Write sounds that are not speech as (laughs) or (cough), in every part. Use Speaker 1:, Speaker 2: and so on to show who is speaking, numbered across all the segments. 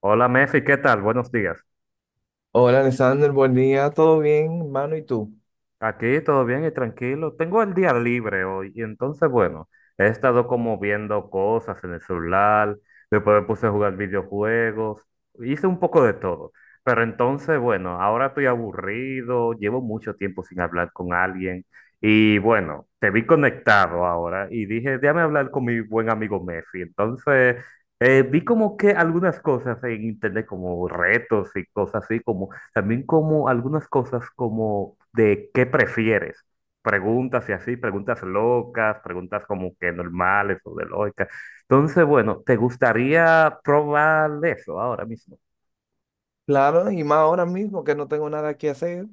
Speaker 1: Hola Mefi, ¿qué tal? Buenos días.
Speaker 2: Hola, Alexander, buen día, ¿todo bien, hermano? ¿Y tú?
Speaker 1: Aquí todo bien y tranquilo. Tengo el día libre hoy y entonces, bueno, he estado como viendo cosas en el celular, después me puse a jugar videojuegos, hice un poco de todo. Pero entonces, bueno, ahora estoy aburrido, llevo mucho tiempo sin hablar con alguien y bueno, te vi conectado ahora y dije, déjame hablar con mi buen amigo Mefi. Entonces, vi como que algunas cosas en internet como retos y cosas así como también como algunas cosas como de qué prefieres. Preguntas y así, preguntas locas, preguntas como que normales o de lógica. Entonces, bueno, ¿te gustaría probar eso ahora mismo?
Speaker 2: Claro, y más ahora mismo que no tengo nada que hacer,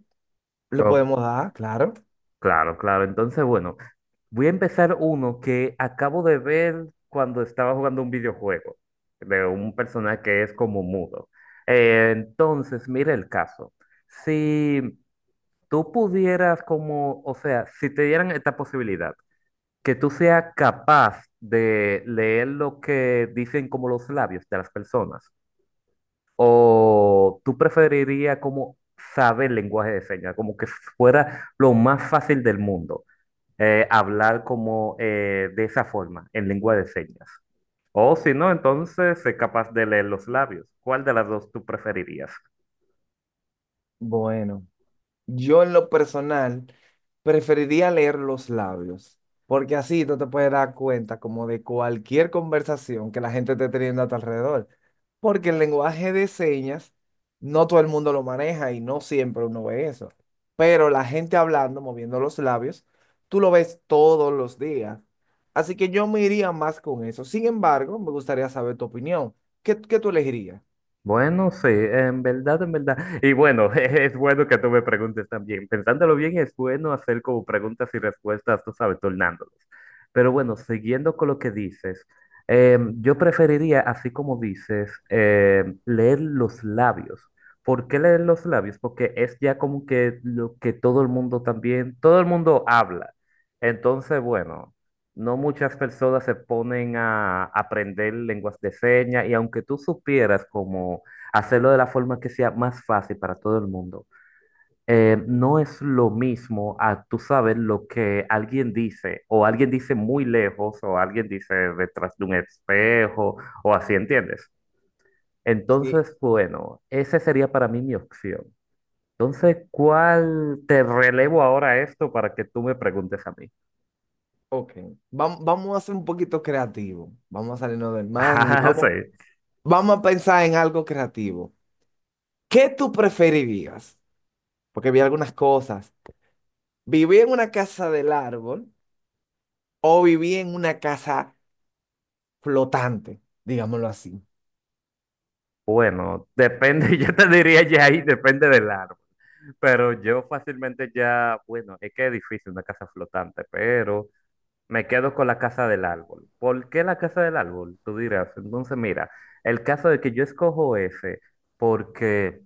Speaker 2: le
Speaker 1: Oh,
Speaker 2: podemos dar, claro.
Speaker 1: claro, claro. Entonces, bueno, voy a empezar uno que acabo de ver cuando estaba jugando un videojuego de un personaje que es como mudo. Entonces, mira el caso. Si tú pudieras como, o sea, si te dieran esta posibilidad que tú seas capaz de leer lo que dicen como los labios de las personas, o tú preferirías como saber lenguaje de señas, como que fuera lo más fácil del mundo, hablar como de esa forma, en lengua de señas. O si no, entonces ser capaz de leer los labios. ¿Cuál de las dos tú preferirías?
Speaker 2: Bueno, yo en lo personal preferiría leer los labios, porque así tú te puedes dar cuenta como de cualquier conversación que la gente esté teniendo a tu alrededor, porque el lenguaje de señas no todo el mundo lo maneja y no siempre uno ve eso, pero la gente hablando, moviendo los labios, tú lo ves todos los días. Así que yo me iría más con eso. Sin embargo, me gustaría saber tu opinión. ¿Qué tú elegirías?
Speaker 1: Bueno, sí, en verdad, en verdad. Y bueno, (laughs) es bueno que tú me preguntes también. Pensándolo bien, es bueno hacer como preguntas y respuestas, tú sabes, tornándolos. Pero bueno, siguiendo con lo que dices, yo preferiría, así como dices, leer los labios. ¿Por qué leer los labios? Porque es ya como que lo que todo el mundo también, todo el mundo habla. Entonces, bueno. No muchas personas se ponen a aprender lenguas de señas y aunque tú supieras cómo hacerlo de la forma que sea más fácil para todo el mundo, no es lo mismo a tú sabes lo que alguien dice o alguien dice muy lejos o alguien dice detrás de un espejo o así, ¿entiendes?
Speaker 2: Sí.
Speaker 1: Entonces, bueno, esa sería para mí mi opción. Entonces, ¿cuál te relevo ahora esto para que tú me preguntes a mí? (laughs)
Speaker 2: Ok, vamos a ser un poquito creativos. Vamos a salirnos del margen y
Speaker 1: Ah, sí.
Speaker 2: vamos a pensar en algo creativo. ¿Qué tú preferirías? Porque vi algunas cosas. ¿Vivir en una casa del árbol o vivir en una casa flotante? Digámoslo así.
Speaker 1: Bueno, depende, (laughs) yo te diría ya ahí, depende del árbol, pero yo fácilmente ya, bueno, es que es difícil una casa flotante, pero me quedo con la casa del árbol. ¿Por qué la casa del árbol? Tú dirás, entonces mira, el caso de que yo escojo ese, porque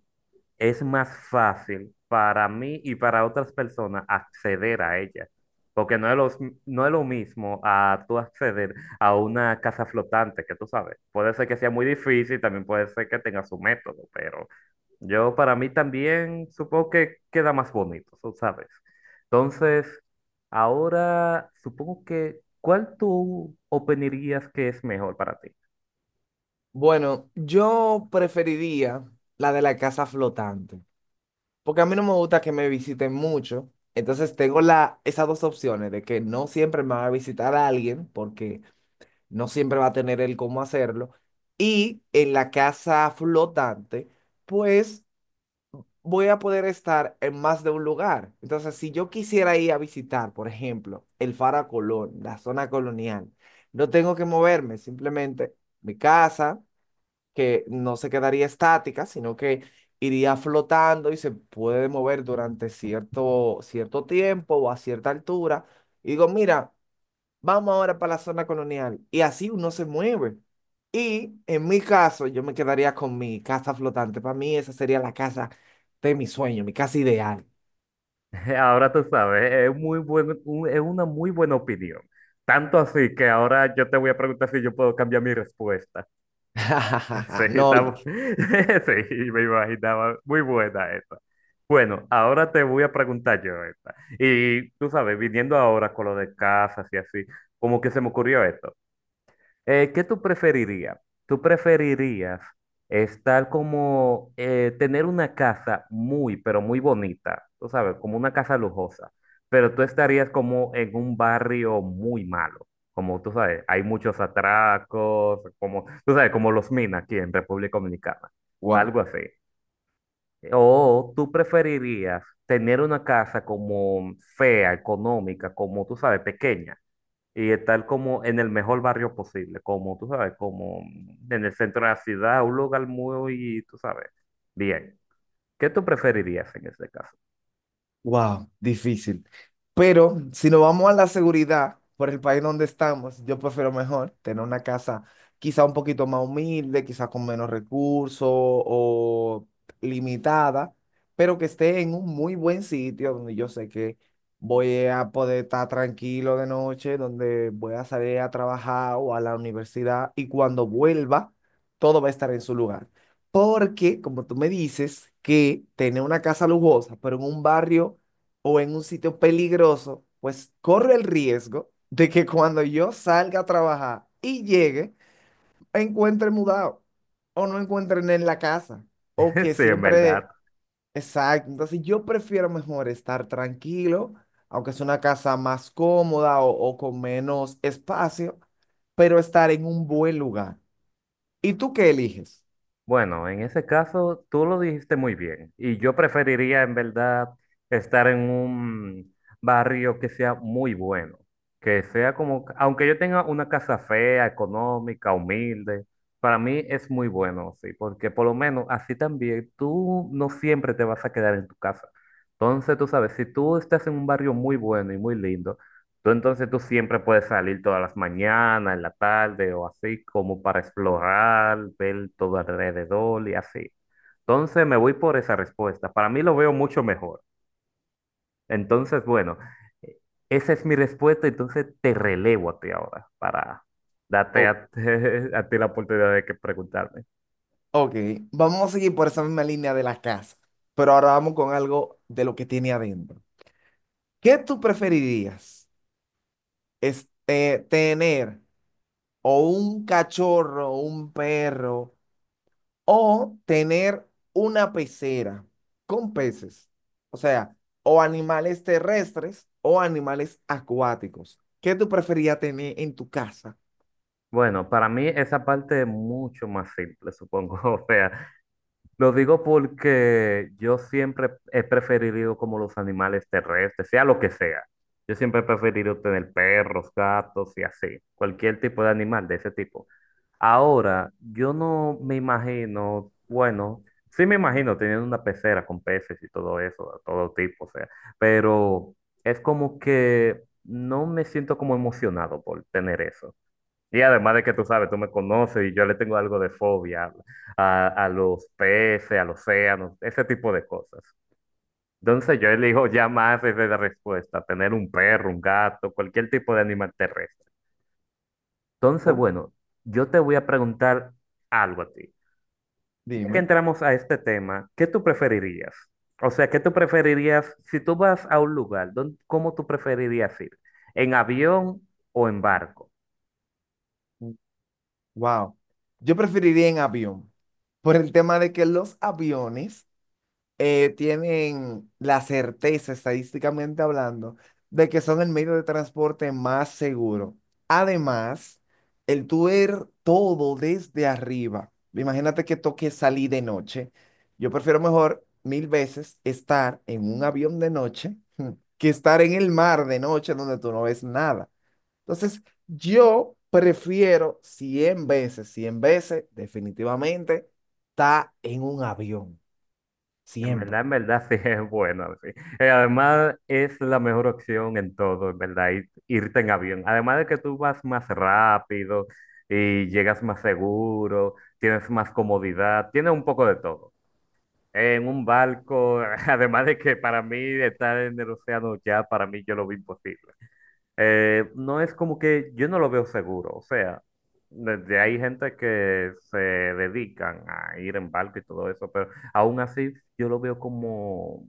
Speaker 1: es más fácil para mí y para otras personas acceder a ella. Porque no es, no es lo mismo a tú acceder a una casa flotante, que tú sabes. Puede ser que sea muy difícil, también puede ser que tenga su método, pero yo para mí también supongo que queda más bonito, tú sabes. Entonces, ahora supongo que, ¿cuál tú opinarías que es mejor para ti?
Speaker 2: Bueno, yo preferiría la de la casa flotante, porque a mí no me gusta que me visiten mucho. Entonces tengo esas dos opciones de que no siempre me va a visitar alguien, porque no siempre va a tener el cómo hacerlo. Y en la casa flotante, pues voy a poder estar en más de un lugar. Entonces, si yo quisiera ir a visitar, por ejemplo, el Faro Colón, la zona colonial, no tengo que moverme, simplemente mi casa, que no se quedaría estática, sino que iría flotando y se puede mover durante cierto tiempo o a cierta altura. Y digo, mira, vamos ahora para la zona colonial. Y así uno se mueve. Y en mi caso, yo me quedaría con mi casa flotante. Para mí esa sería la casa de mi sueño, mi casa ideal.
Speaker 1: (laughs) Ahora tú sabes, es muy buen, es una muy buena opinión. Tanto así que ahora yo te voy a preguntar si yo puedo cambiar mi respuesta. (laughs) Sí,
Speaker 2: (laughs) No,
Speaker 1: está, (laughs) sí, me imaginaba. Muy buena esta. Bueno, ahora te voy a preguntar yo esta. Y tú sabes, viniendo ahora con lo de casas y así, como que se me ocurrió esto. ¿Qué tú preferirías? ¿Tú preferirías estar como tener una casa muy, pero muy bonita, tú sabes, como una casa lujosa, pero tú estarías como en un barrio muy malo, como tú sabes, hay muchos atracos, como tú sabes, como los minas aquí en República Dominicana,
Speaker 2: wow.
Speaker 1: algo así. O tú preferirías tener una casa como fea, económica, como tú sabes, pequeña y estar como en el mejor barrio posible, como tú sabes, como en el centro de la ciudad, un lugar muy, tú sabes, bien. ¿Qué tú preferirías en ese caso?
Speaker 2: Wow, difícil. Pero si nos vamos a la seguridad por el país donde estamos, yo prefiero mejor tener una casa quizá un poquito más humilde, quizá con menos recursos o limitada, pero que esté en un muy buen sitio donde yo sé que voy a poder estar tranquilo de noche, donde voy a salir a trabajar o a la universidad y cuando vuelva, todo va a estar en su lugar. Porque, como tú me dices, que tener una casa lujosa, pero en un barrio o en un sitio peligroso, pues corre el riesgo de que cuando yo salga a trabajar y llegue, encuentre mudado o no encuentren en la casa o
Speaker 1: (laughs)
Speaker 2: que
Speaker 1: Sí, en verdad.
Speaker 2: siempre... Exacto, entonces yo prefiero mejor estar tranquilo, aunque es una casa más cómoda o con menos espacio, pero estar en un buen lugar. ¿Y tú qué eliges?
Speaker 1: Bueno, en ese caso tú lo dijiste muy bien y yo preferiría en verdad estar en un barrio que sea muy bueno, que sea como, aunque yo tenga una casa fea, económica, humilde, para mí es muy bueno, sí, porque por lo menos así también tú no siempre te vas a quedar en tu casa. Entonces, tú sabes, si tú estás en un barrio muy bueno y muy lindo, tú entonces tú siempre puedes salir todas las mañanas, en la tarde o así, como para explorar, ver todo alrededor y así. Entonces me voy por esa respuesta. Para mí lo veo mucho mejor. Entonces, bueno, eh, esa es mi respuesta. Entonces te relevo a ti ahora para darte a, (laughs) a ti la oportunidad de que preguntarme.
Speaker 2: Ok, vamos a seguir por esa misma línea de la casa, pero ahora vamos con algo de lo que tiene adentro. ¿Qué tú preferirías? Este, tener o un cachorro, un perro, o tener una pecera con peces. O sea, o animales terrestres o animales acuáticos. ¿Qué tú preferirías tener en tu casa?
Speaker 1: Bueno, para mí esa parte es mucho más simple, supongo. (laughs) O sea, lo digo porque yo siempre he preferido como los animales terrestres, sea lo que sea. Yo siempre he preferido tener perros, gatos y así, cualquier tipo de animal de ese tipo. Ahora, yo no me imagino, bueno, sí me imagino teniendo una pecera con peces y todo eso, de todo tipo, o sea, pero es como que no me siento como emocionado por tener eso. Y además de que tú sabes, tú me conoces y yo le tengo algo de fobia a los peces, al océano, ese tipo de cosas. Entonces yo elijo ya más esa es la respuesta, tener un perro, un gato, cualquier tipo de animal terrestre. Entonces,
Speaker 2: Oh,
Speaker 1: bueno, yo te voy a preguntar algo a ti. Ya que
Speaker 2: dime.
Speaker 1: entramos a este tema, ¿qué tú preferirías? O sea, ¿qué tú preferirías si tú vas a un lugar? ¿Cómo tú preferirías ir? ¿En avión o en barco?
Speaker 2: Wow. Yo preferiría en avión, por el tema de que los aviones tienen la certeza, estadísticamente hablando, de que son el medio de transporte más seguro. Además, el tú ver todo desde arriba, imagínate que toque salir de noche. Yo prefiero mejor mil veces estar en un avión de noche que estar en el mar de noche donde tú no ves nada. Entonces, yo prefiero 100 veces, definitivamente, estar en un avión,
Speaker 1: En
Speaker 2: siempre.
Speaker 1: verdad, en verdad, (laughs) sí es bueno, sí. Además es la mejor opción en todo, en verdad, irte en avión. Además de que tú vas más rápido y llegas más seguro, tienes más comodidad, tiene un poco de todo. En un barco, (laughs) además de que para mí estar en el océano ya, para mí yo lo vi imposible. No es como que yo no lo veo seguro, o sea, desde hay gente que se dedican a ir en barco y todo eso, pero aún así yo lo veo como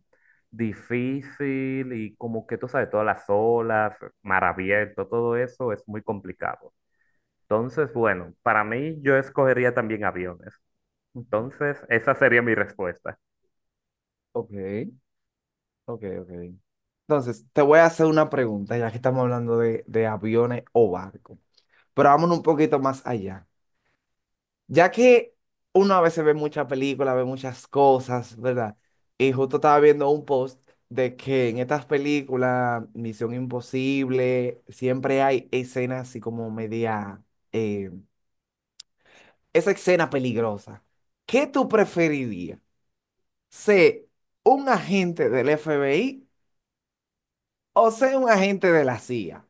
Speaker 1: difícil y como que tú sabes, todas las olas, mar abierto, todo eso es muy complicado. Entonces, bueno, para mí yo escogería también aviones.
Speaker 2: Ujú.
Speaker 1: Entonces, esa sería mi respuesta.
Speaker 2: Ok, ok. Entonces, te voy a hacer una pregunta, ya que estamos hablando de aviones o barcos. Pero vámonos un poquito más allá. Ya que uno a veces ve muchas películas, ve muchas cosas, ¿verdad? Y justo estaba viendo un post de que en estas películas, Misión Imposible, siempre hay escenas así como media, eh, esa escena peligrosa. ¿Qué tú preferirías? ¿Ser un agente del FBI o ser un agente de la CIA?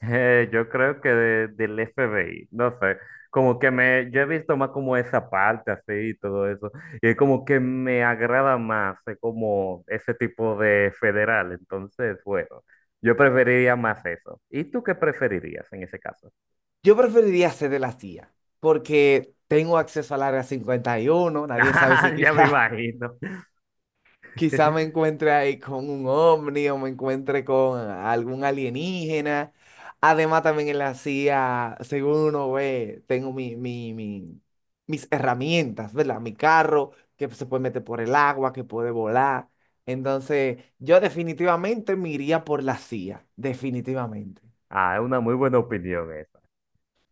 Speaker 1: Yo creo que del FBI, no sé, como que me, yo he visto más como esa parte así y todo eso, y es como que me agrada más como ese tipo de federal, entonces, bueno, yo preferiría más eso. ¿Y tú qué preferirías en ese caso? (laughs)
Speaker 2: Yo preferiría ser de la CIA, porque tengo acceso al Área 51, nadie sabe
Speaker 1: Ah,
Speaker 2: si
Speaker 1: ya me
Speaker 2: quizás...
Speaker 1: imagino.
Speaker 2: Quizá me
Speaker 1: (laughs)
Speaker 2: encuentre ahí con un ovni o me encuentre con algún alienígena. Además, también en la CIA, según uno ve, tengo mis herramientas, ¿verdad? Mi carro, que se puede meter por el agua, que puede volar. Entonces, yo definitivamente me iría por la CIA, definitivamente.
Speaker 1: Ah, es una muy buena opinión esa.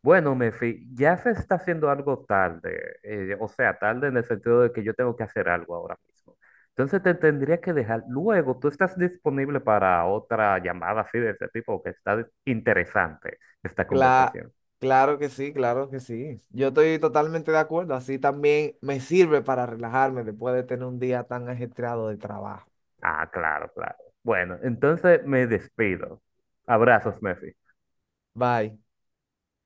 Speaker 1: Bueno, Mefi, ya se está haciendo algo tarde, o sea, tarde en el sentido de que yo tengo que hacer algo ahora mismo. Entonces te tendría que dejar. Luego, tú estás disponible para otra llamada así de este tipo, que está interesante esta
Speaker 2: Cla-
Speaker 1: conversación.
Speaker 2: claro que sí, claro que sí. Yo estoy totalmente de acuerdo. Así también me sirve para relajarme después de tener un día tan ajetreado de trabajo.
Speaker 1: Ah, claro, claro. Bueno, entonces me despido. Abrazos, Mefi.
Speaker 2: Bye.